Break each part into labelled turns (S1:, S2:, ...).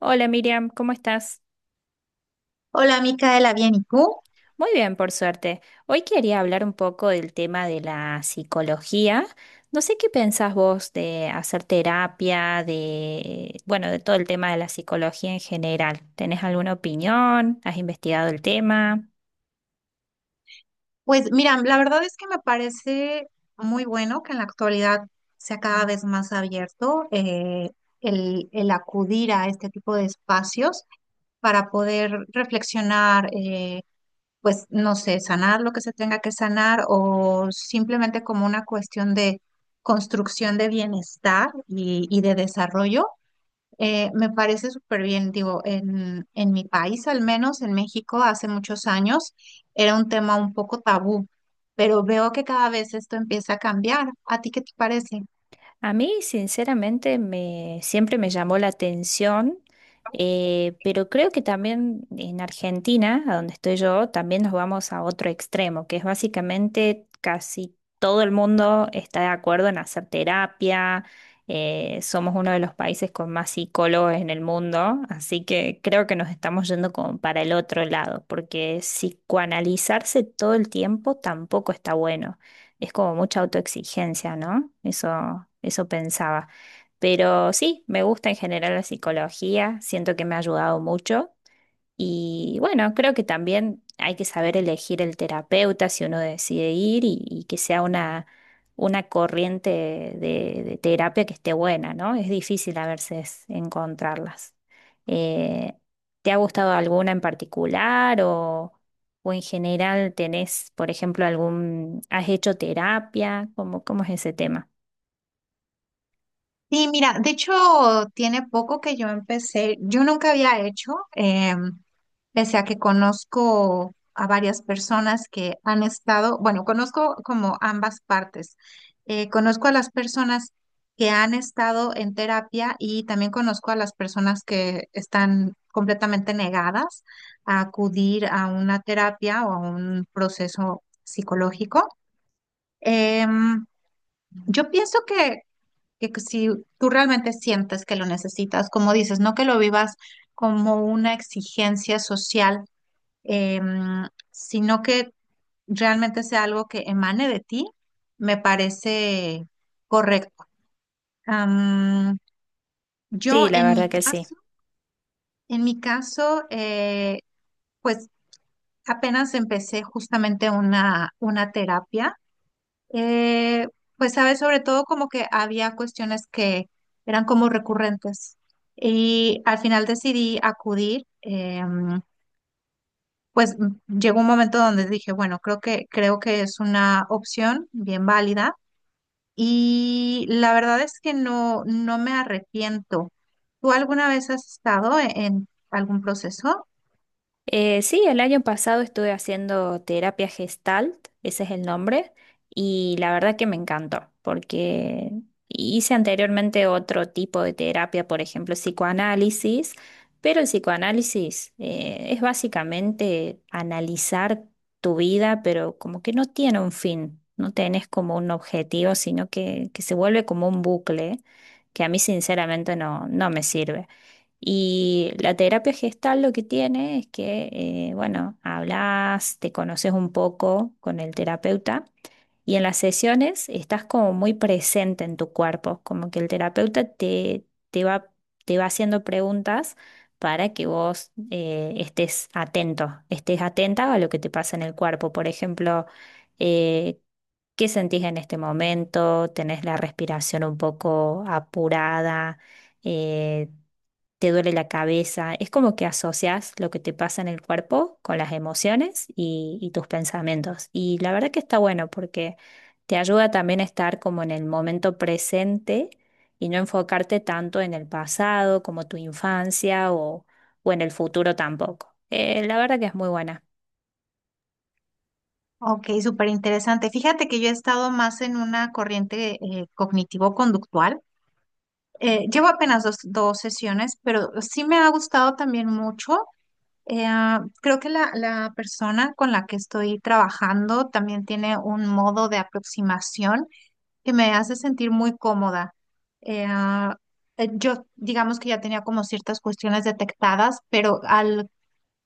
S1: Hola Miriam, ¿cómo estás?
S2: Hola, Micaela, bien, ¿y tú?
S1: Muy bien, por suerte. Hoy quería hablar un poco del tema de la psicología. No sé qué pensás vos de hacer terapia, de, bueno, de todo el tema de la psicología en general. ¿Tenés alguna opinión? ¿Has investigado el tema?
S2: Pues mira, la verdad es que me parece muy bueno que en la actualidad sea cada vez más abierto el acudir a este tipo de espacios para poder reflexionar, pues no sé, sanar lo que se tenga que sanar o simplemente como una cuestión de construcción de bienestar y de desarrollo. Me parece súper bien, digo, en mi país, al menos en México, hace muchos años era un tema un poco tabú, pero veo que cada vez esto empieza a cambiar. ¿A ti qué te parece?
S1: A mí, sinceramente, siempre me llamó la atención, pero creo que también en Argentina, a donde estoy yo, también nos vamos a otro extremo, que es básicamente casi todo el mundo está de acuerdo en hacer terapia, somos uno de los países con más psicólogos en el mundo, así que creo que nos estamos yendo como para el otro lado, porque psicoanalizarse todo el tiempo tampoco está bueno, es como mucha autoexigencia, ¿no? Eso pensaba. Pero sí, me gusta en general la psicología, siento que me ha ayudado mucho. Y bueno, creo que también hay que saber elegir el terapeuta si uno decide ir y que sea una corriente de terapia que esté buena, ¿no? Es difícil a veces encontrarlas. Eh, ¿Te ha gustado alguna en particular o en general tenés, por ejemplo, algún, ¿has hecho terapia? ¿ cómo es ese tema?
S2: Sí, mira, de hecho, tiene poco que yo empecé, yo nunca había hecho, pese a que conozco a varias personas que han estado, bueno, conozco como ambas partes. Conozco a las personas que han estado en terapia y también conozco a las personas que están completamente negadas a acudir a una terapia o a un proceso psicológico. Em, yo pienso que si tú realmente sientes que lo necesitas, como dices, no que lo vivas como una exigencia social sino que realmente sea algo que emane de ti, me parece correcto. Am, yo
S1: Sí, la verdad que sí.
S2: en mi caso, pues apenas empecé justamente una terapia. eh, pues sabes, sobre todo como que había cuestiones que eran como recurrentes y al final decidí acudir. Pues llegó un momento donde dije, bueno, creo que es una opción bien válida y la verdad es que no, no me arrepiento. ¿Tú alguna vez has estado en algún proceso?
S1: Sí, el año pasado estuve haciendo terapia Gestalt, ese es el nombre, y la verdad que me encantó, porque hice anteriormente otro tipo de terapia, por ejemplo, psicoanálisis, pero el psicoanálisis es básicamente analizar tu vida, pero como que no tiene un fin, no tenés como un objetivo, sino que se vuelve como un bucle que a mí sinceramente no me sirve. Y la terapia gestal lo que tiene es que, bueno, hablas, te conoces un poco con el terapeuta y en las sesiones estás como muy presente en tu cuerpo, como que el terapeuta te va, te va haciendo preguntas para que vos estés atento, estés atenta a lo que te pasa en el cuerpo. Por ejemplo, eh, ¿qué sentís en este momento? ¿Tenés la respiración un poco apurada? Eh, te duele la cabeza. Es como que asocias lo que te pasa en el cuerpo con las emociones y tus pensamientos. Y la verdad que está bueno porque te ayuda también a estar como en el momento presente y no enfocarte tanto en el pasado como tu infancia o en el futuro tampoco. La verdad que es muy buena.
S2: Ok, súper interesante. Fíjate que yo he estado más en una corriente cognitivo-conductual. Llevo apenas dos sesiones, pero sí me ha gustado también mucho. Creo que la persona con la que estoy trabajando también tiene un modo de aproximación que me hace sentir muy cómoda. Eh, ah, yo, digamos que ya tenía como ciertas cuestiones detectadas, pero al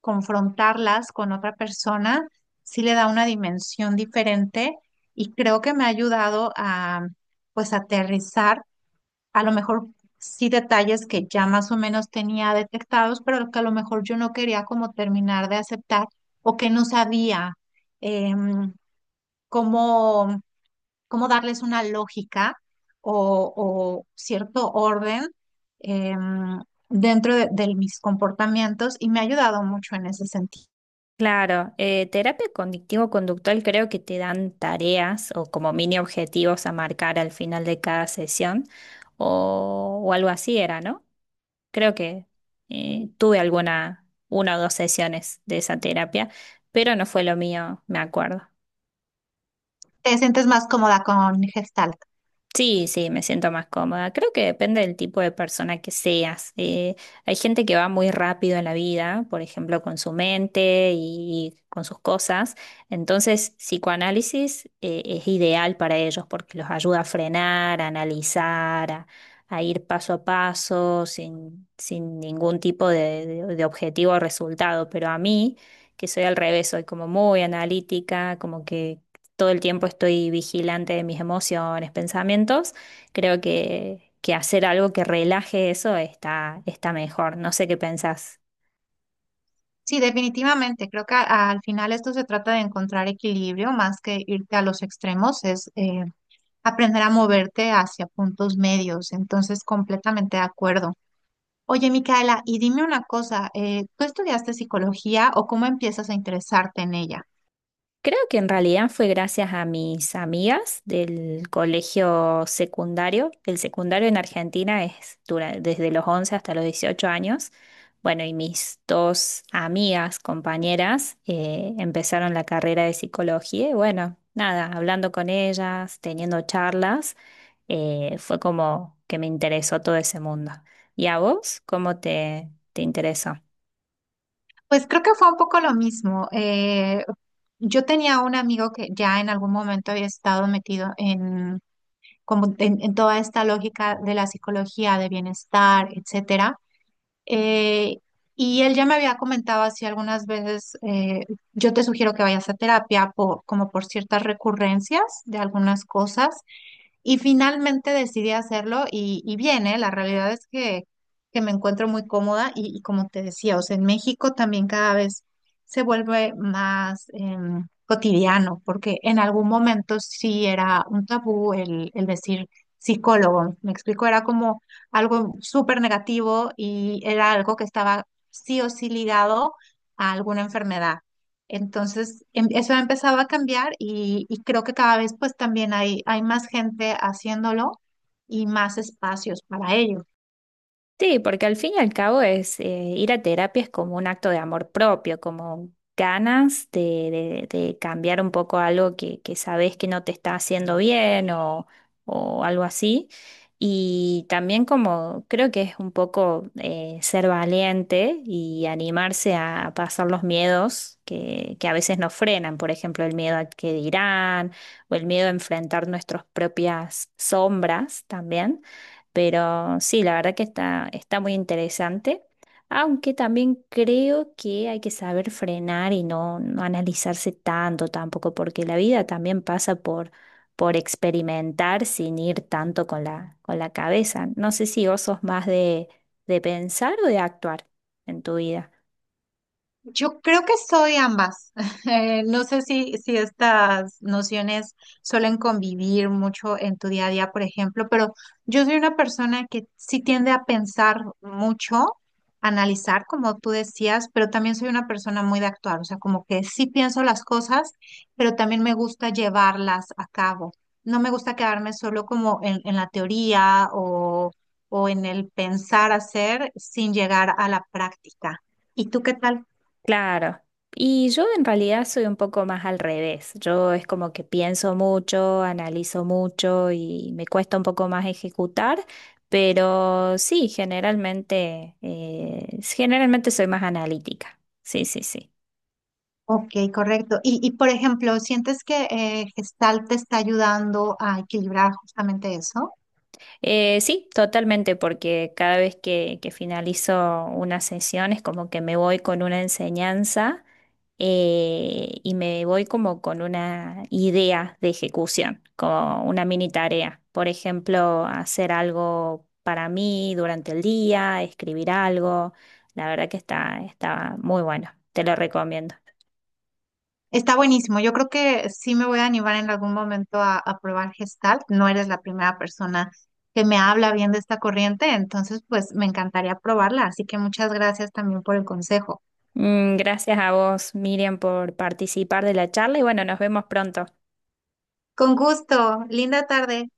S2: confrontarlas con otra persona, sí le da una dimensión diferente y creo que me ha ayudado a, pues, aterrizar, a lo mejor sí detalles que ya más o menos tenía detectados, pero que a lo mejor yo no quería como terminar de aceptar o que no sabía. em, cómo cómo darles una lógica o cierto orden eh, dentro de mis comportamientos y me ha ayudado mucho en ese sentido.
S1: Claro, terapia cognitivo-conductual creo que te dan tareas o como mini objetivos a marcar al final de cada sesión o algo así era, ¿no? Creo que tuve alguna, una o dos sesiones de esa terapia, pero no fue lo mío, me acuerdo.
S2: ¿Te sientes más cómoda con Gestalt?
S1: Sí, sí, me siento más cómoda. Creo que depende del tipo de persona que seas. Hay gente que va muy rápido en la vida, por ejemplo, con su mente y con sus cosas. Entonces, psicoanálisis, es ideal para ellos porque los ayuda a frenar, a analizar, a ir paso a paso sin ningún tipo de objetivo o resultado. Pero a mí, que soy al revés, soy como muy analítica, como que todo el tiempo estoy vigilante de mis emociones, pensamientos, creo que hacer algo que relaje eso está mejor. No sé qué pensás.
S2: Sí, definitivamente. Creo que al final esto se trata de encontrar equilibrio más que irte a los extremos, es aprender a moverte hacia puntos medios. Entonces, completamente de acuerdo. Oye, Micaela, y dime una cosa, ¿tú estudiaste psicología o cómo empiezas a interesarte en ella?
S1: Creo que en realidad fue gracias a mis amigas del colegio secundario. El secundario en Argentina es dura- desde los 11 hasta los 18 años. Bueno, y mis dos amigas, compañeras, empezaron la carrera de psicología y bueno, nada, hablando con ellas, teniendo charlas. Fue como que me interesó todo ese mundo. ¿Y a vos cómo te interesó?
S2: Pues creo que fue un poco lo mismo. Yo tenía un amigo que ya en algún momento había estado metido en, como en toda esta lógica de la psicología, de bienestar, etcétera. Eh, y él ya me había comentado así algunas veces, yo te sugiero que vayas a terapia por, como por ciertas recurrencias de algunas cosas. Y finalmente decidí hacerlo y bien, ¿eh? La realidad es que me encuentro muy cómoda y como te decía, o sea, en México también cada vez se vuelve más cotidiano, porque en algún momento sí era un tabú el decir psicólogo. Me explico, era como algo súper negativo y era algo que estaba sí o sí ligado a alguna enfermedad. Entonces, eso ha empezado a cambiar y creo que cada vez pues también hay más gente haciéndolo y más espacios para ello.
S1: Sí, porque al fin y al cabo es ir a terapia es como un acto de amor propio, como ganas de cambiar un poco algo que sabes que no te está haciendo bien o algo así. Y también como creo que es un poco ser valiente y animarse a pasar los miedos que a veces nos frenan, por ejemplo, el miedo a que dirán o el miedo a enfrentar nuestras propias sombras también. Pero sí, la verdad que está muy interesante, aunque también creo que hay que saber frenar y no analizarse tanto tampoco, porque la vida también pasa por experimentar sin ir tanto con con la cabeza. No sé si vos sos más de pensar o de actuar en tu vida.
S2: Yo creo que soy ambas. No sé si estas nociones suelen convivir mucho en tu día a día, por ejemplo, pero yo soy una persona que sí tiende a pensar mucho, analizar, como tú decías, pero también soy una persona muy de actuar, o sea, como que sí pienso las cosas, pero también me gusta llevarlas a cabo. No me gusta quedarme solo como en la teoría o en el pensar hacer sin llegar a la práctica. ¿Y tú qué tal?
S1: Claro. Y yo en realidad soy un poco más al revés. Yo es como que pienso mucho, analizo mucho y me cuesta un poco más ejecutar, pero sí, generalmente, generalmente soy más analítica. Sí, sí, sí.
S2: Ok, correcto. Y por ejemplo, ¿sientes que Gestalt te está ayudando a equilibrar justamente eso?
S1: Sí, totalmente, porque cada vez que finalizo una sesión es como que me voy con una enseñanza y me voy como con una idea de ejecución, como una mini tarea. Por ejemplo, hacer algo para mí durante el día, escribir algo. La verdad que está muy bueno, te lo recomiendo.
S2: Está buenísimo. Yo creo que sí me voy a animar en algún momento a probar Gestalt. No eres la primera persona que me habla bien de esta corriente, entonces pues me encantaría probarla. Así que muchas gracias también por el consejo.
S1: Mm, gracias a vos, Miriam, por participar de la charla y bueno, nos vemos pronto.
S2: Con gusto. Linda tarde.